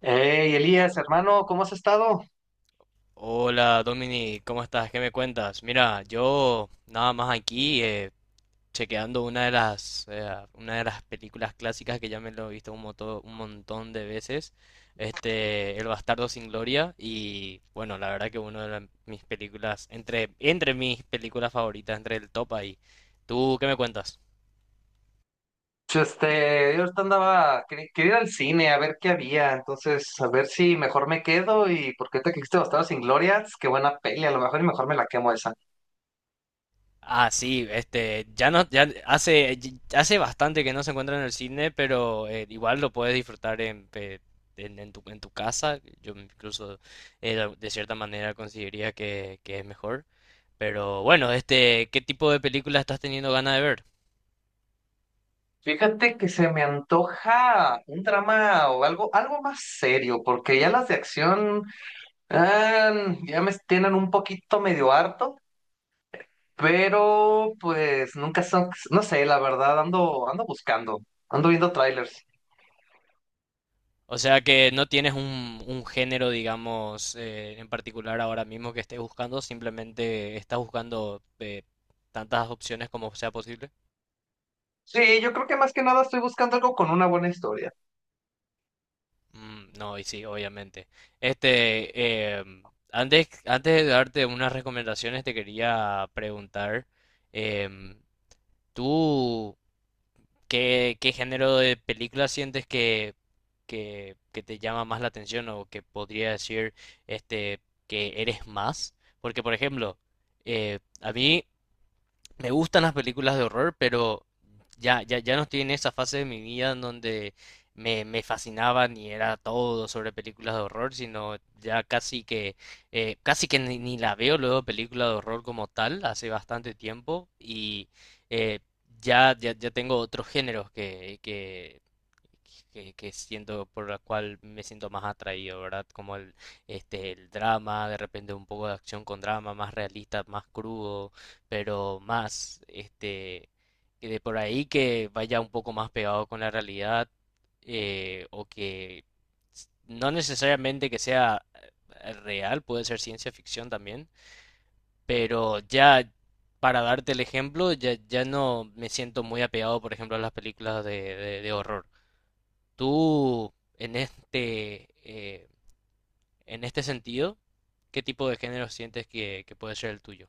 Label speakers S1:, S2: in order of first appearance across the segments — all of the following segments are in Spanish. S1: Hey, Elías, hermano, ¿cómo has estado?
S2: Hola Domini, ¿cómo estás? ¿Qué me cuentas? Mira, yo nada más aquí chequeando una de las películas clásicas que ya me lo he visto un montón de veces, este El Bastardo sin Gloria y bueno, la verdad que mis películas entre mis películas favoritas, entre el top ahí. ¿Tú qué me cuentas?
S1: Pues, yo ahorita andaba, quería ir al cine a ver qué había, entonces a ver si mejor me quedo y porque te quisiste Bastardos sin Glorias, qué buena peli, a lo mejor y mejor me la quemo esa.
S2: Ah, sí, este, ya no, ya hace, hace bastante que no se encuentra en el cine, pero igual lo puedes disfrutar en tu casa. Yo incluso de cierta manera consideraría que es mejor. Pero bueno, este, ¿qué tipo de película estás teniendo ganas de ver?
S1: Fíjate que se me antoja un drama o algo, algo más serio, porque ya las de acción ah, ya me tienen un poquito medio harto, pero pues nunca son, no sé, la verdad, ando buscando, ando viendo trailers.
S2: O sea que no tienes un género, digamos, en particular ahora mismo que estés buscando, simplemente estás buscando tantas opciones como sea posible.
S1: Sí, yo creo que más que nada estoy buscando algo con una buena historia.
S2: Mm, no, y sí, obviamente. Este, antes, antes de darte unas recomendaciones, te quería preguntar, em, ¿tú qué, qué género de película sientes que te llama más la atención o que podría decir este, que eres más? Porque, por ejemplo, a mí me gustan las películas de horror, pero ya, ya, ya no estoy en esa fase de mi vida en donde me fascinaban y era todo sobre películas de horror, sino ya casi que ni, ni la veo luego película de horror como tal, hace bastante tiempo, y eh, ya, ya, ya tengo otros géneros que siento por la cual me siento más atraído, ¿verdad? Como el, este, el drama, de repente un poco de acción con drama, más realista, más crudo, pero más, este, que de por ahí que vaya un poco más pegado con la realidad o que no necesariamente que sea real, puede ser ciencia ficción también, pero ya para darte el ejemplo, ya, ya no me siento muy apegado, por ejemplo, a las películas de, de horror. Tú, en este, eh, en este sentido, ¿qué tipo de género sientes que puede ser el tuyo?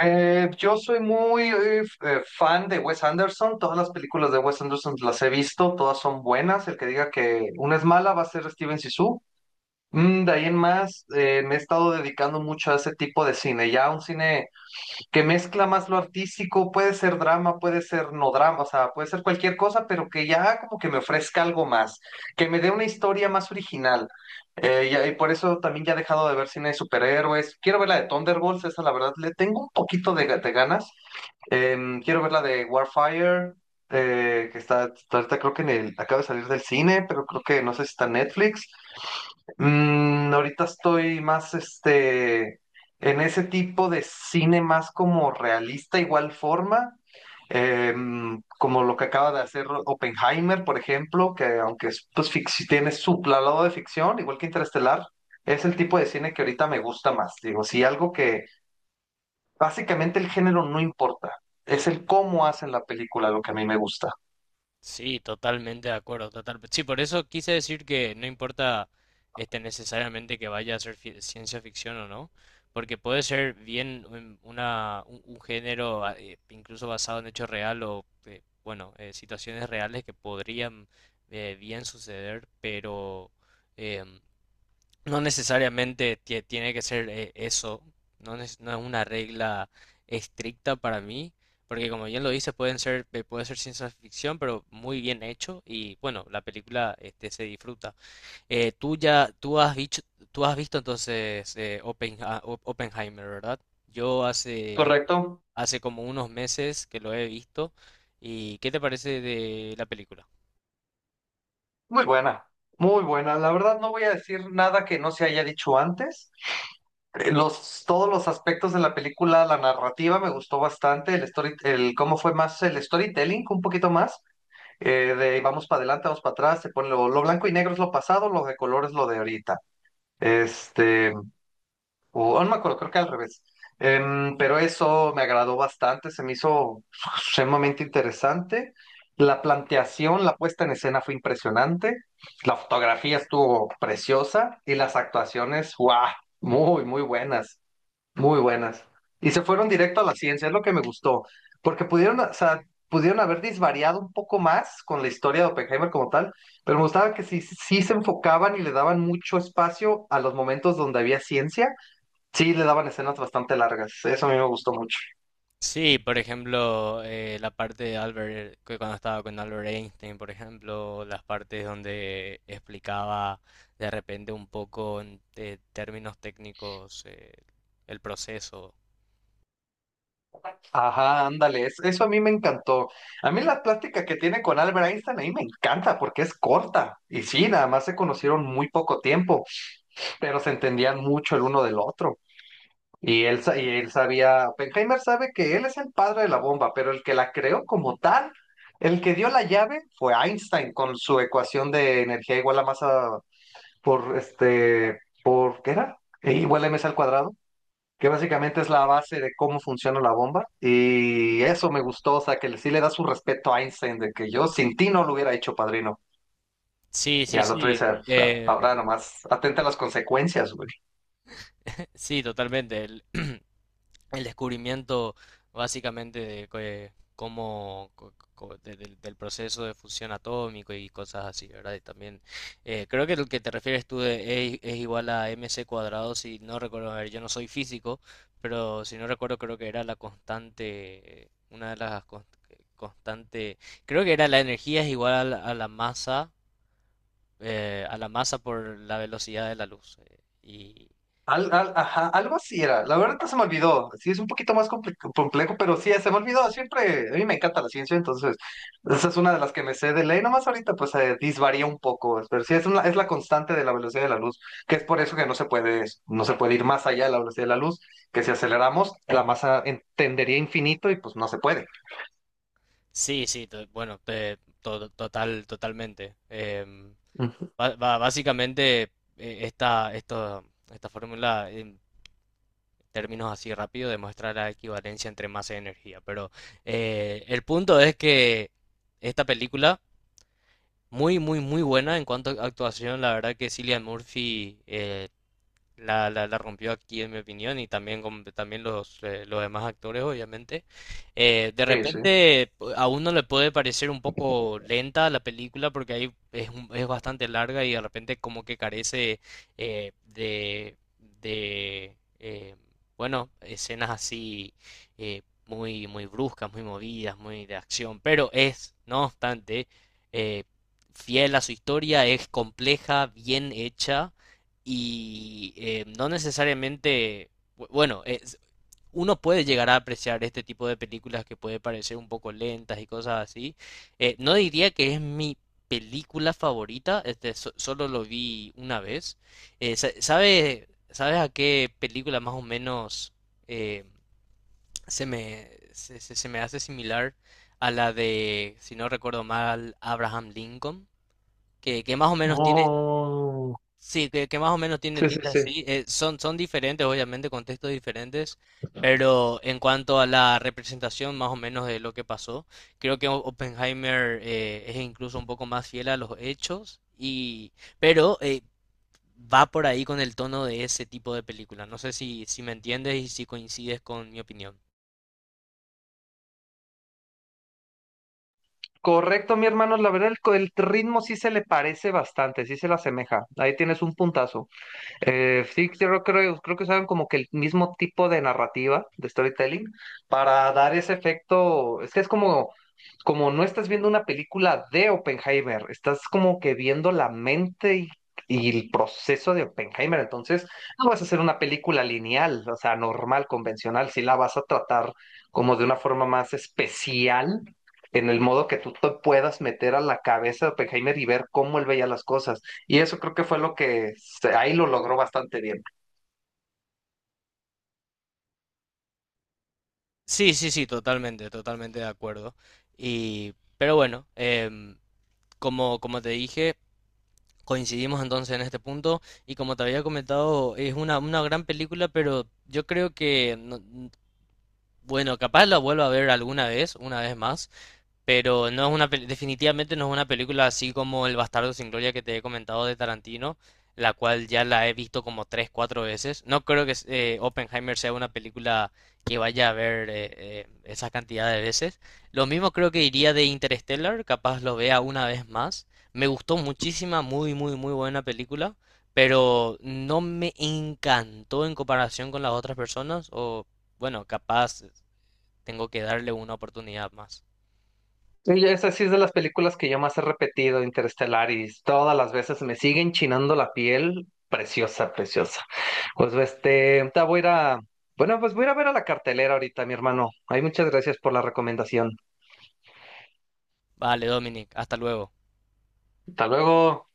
S1: Yo soy muy fan de Wes Anderson, todas las películas de Wes Anderson las he visto, todas son buenas, el que diga que una es mala va a ser Steven Sisu. Mm, de ahí en más, me he estado dedicando mucho a ese tipo de cine, ya un cine que mezcla más lo artístico, puede ser drama, puede ser no drama, o sea, puede ser cualquier cosa, pero que ya como que me ofrezca algo más, que me dé una historia más original. Y por eso también ya he dejado de ver cine de superhéroes. Quiero ver la de Thunderbolts, esa la verdad le tengo un poquito de ganas. Quiero ver la de Warfire, que está ahorita creo que en el, acaba de salir del cine, pero creo que no sé si está en Netflix. Mm, ahorita estoy más en ese tipo de cine más como realista, igual forma, como lo que acaba de hacer Oppenheimer, por ejemplo, que aunque es, pues, si tiene su lado de ficción, igual que Interestelar, es el tipo de cine que ahorita me gusta más. Digo, sí, algo que básicamente el género no importa, es el cómo hacen la película lo que a mí me gusta.
S2: Sí, totalmente de acuerdo, total. Sí, por eso quise decir que no importa este necesariamente que vaya a ser ciencia ficción o no, porque puede ser bien una un género ah, incluso basado en hechos real o bueno, situaciones reales que podrían bien suceder, pero em, no necesariamente tiene que ser eso, no, no es una regla estricta para mí, porque como bien lo dice, pueden ser, puede ser ciencia ficción, pero muy bien hecho y bueno, la película este, se disfruta. Tú ya, tú has visto entonces Oppenheimer, ¿verdad? Yo hace,
S1: ¿Correcto?
S2: hace como unos meses que lo he visto y ¿qué te parece de la película?
S1: Muy buena, muy buena. La verdad no voy a decir nada que no se haya dicho antes. Todos los aspectos de la película, la narrativa me gustó bastante, el story, el cómo fue más el storytelling, un poquito más, de vamos para adelante, vamos para atrás, se pone lo blanco y negro es lo pasado, lo de color es lo de ahorita. Este, o no me acuerdo, creo que al revés. Pero eso me agradó bastante, se me hizo sumamente interesante. La planteación, la puesta en escena fue impresionante, la fotografía estuvo preciosa y las actuaciones, ¡guau! Muy, muy buenas. Muy buenas. Y se fueron directo a la ciencia, es lo que me gustó, porque pudieron, o sea, pudieron haber disvariado un poco más con la historia de Oppenheimer como tal, pero me gustaba que sí, sí se enfocaban y le daban mucho espacio a los momentos donde había ciencia, sí le daban escenas bastante largas, eso a mí me gustó mucho.
S2: Sí, por ejemplo, la parte de Albert, que cuando estaba con Albert Einstein, por ejemplo, las partes donde explicaba de repente un poco en términos técnicos el proceso.
S1: Ajá, ándale, eso a mí me encantó. A mí la plática que tiene con Albert Einstein ahí me encanta porque es corta, y sí, nada más se conocieron muy poco tiempo, pero se entendían mucho el uno del otro. Y él sabía, Oppenheimer sabe que él es el padre de la bomba, pero el que la creó como tal, el que dio la llave fue Einstein con su ecuación de energía igual a masa ¿qué era? E igual a mc al cuadrado, que básicamente es la base de cómo funciona la bomba. Y eso me gustó, o sea, que sí le da su respeto a Einstein de que yo sin ti no lo hubiera hecho, padrino.
S2: Sí,
S1: Y
S2: sí,
S1: al otro
S2: sí.
S1: dice, o sea,
S2: eh, em,
S1: ahora nomás atenta a las consecuencias, güey.
S2: Sí, totalmente. El, el descubrimiento básicamente de cómo del proceso de fusión atómico y cosas así, ¿verdad? Y también creo que lo que te refieres tú de es igual a mc cuadrado, si no recuerdo, a ver, yo no soy físico, pero si no recuerdo creo que era la constante, una de las constantes creo que era la energía es igual a la masa por la velocidad de la luz. Eh, y
S1: Ajá, algo así era. La verdad no se me olvidó. Sí, es un poquito más complejo, pero sí, se me olvidó. Siempre, a mí me encanta la ciencia, entonces esa es una de las que me sé de ley. Nomás ahorita pues disvaría un poco, pero sí, es, es la constante de la velocidad de la luz, que es por eso que no se puede, no se puede ir más allá de la velocidad de la luz, que si aceleramos, la masa entendería infinito y pues no se puede.
S2: sí, sí, bueno, total, totalmente.
S1: Ujú.
S2: Básicamente, esta, esta fórmula, en términos así rápido, demuestra la equivalencia entre masa y energía. Pero el punto es que esta película, muy, muy, muy buena en cuanto a actuación, la verdad que Cillian Murphy la, la, la rompió aquí, en mi opinión, y también, con, también los demás actores, obviamente. De
S1: Sí, sí.
S2: repente, a uno le puede parecer un poco lenta la película porque ahí es, es bastante larga y de repente, como que carece eh, de, de bueno, escenas así muy, muy bruscas, muy movidas, muy de acción, pero es, no obstante, eh, fiel a su historia, es compleja, bien hecha y no necesariamente, bueno, uno puede llegar a apreciar este tipo de películas que puede parecer un poco lentas y cosas así. No diría que es mi película favorita, este, solo lo vi una vez. ¿Sabes a qué película más o menos eh, se me, se, se me hace similar a la de, si no recuerdo mal, Abraham Lincoln? Que más o menos
S1: Oh,
S2: sí, que más o menos tiene
S1: sí, sí,
S2: tinta
S1: sí.
S2: así. Eh, son, son diferentes, obviamente, contextos diferentes, pero en cuanto a la representación más o menos de lo que pasó, creo que Oppenheimer es incluso un poco más fiel a los hechos, y, pero va por ahí con el tono de ese tipo de película. No sé si, si me entiendes y si coincides con mi opinión.
S1: Correcto, mi hermano, la verdad el ritmo sí se le parece bastante, sí se le asemeja. Ahí tienes un puntazo. Sí, yo creo, creo que usaron como que el mismo tipo de narrativa, de storytelling, para dar ese efecto. Es que es como, como no estás viendo una película de Oppenheimer, estás como que viendo la mente y el proceso de Oppenheimer. Entonces, no vas a hacer una película lineal, o sea, normal, convencional, si la vas a tratar como de una forma más especial. En el modo que tú te puedas meter a la cabeza de Oppenheimer y ver cómo él veía las cosas. Y eso creo que fue lo que ahí lo logró bastante bien.
S2: Sí, sí, sí, totalmente, totalmente de acuerdo. Y, pero bueno, como, como te dije... Coincidimos entonces en este punto y como te había comentado, es una gran película, pero yo creo que, no- bueno, capaz la vuelva a ver alguna vez, una vez más. Pero no es una definitivamente no es una película así como El Bastardo sin Gloria que te he comentado de Tarantino, la cual ya la he visto como tres, cuatro veces. No creo que Oppenheimer sea una película que vaya a ver esa cantidad de veces. Lo mismo creo que diría de Interstellar, capaz lo vea una vez más. Me gustó muchísima, muy, muy, muy buena película, pero no me encantó en comparación con las otras personas, o bueno, capaz tengo que darle una oportunidad más.
S1: Y esa sí es de las películas que yo más he repetido, Interestelar, y todas las veces me siguen chinando la piel. Preciosa, preciosa. Pues este, ahorita voy a ir a, bueno, pues voy a ir a ver a la cartelera ahorita, mi hermano. Ay, muchas gracias por la recomendación.
S2: Vale, Dominic, hasta luego.
S1: Hasta luego.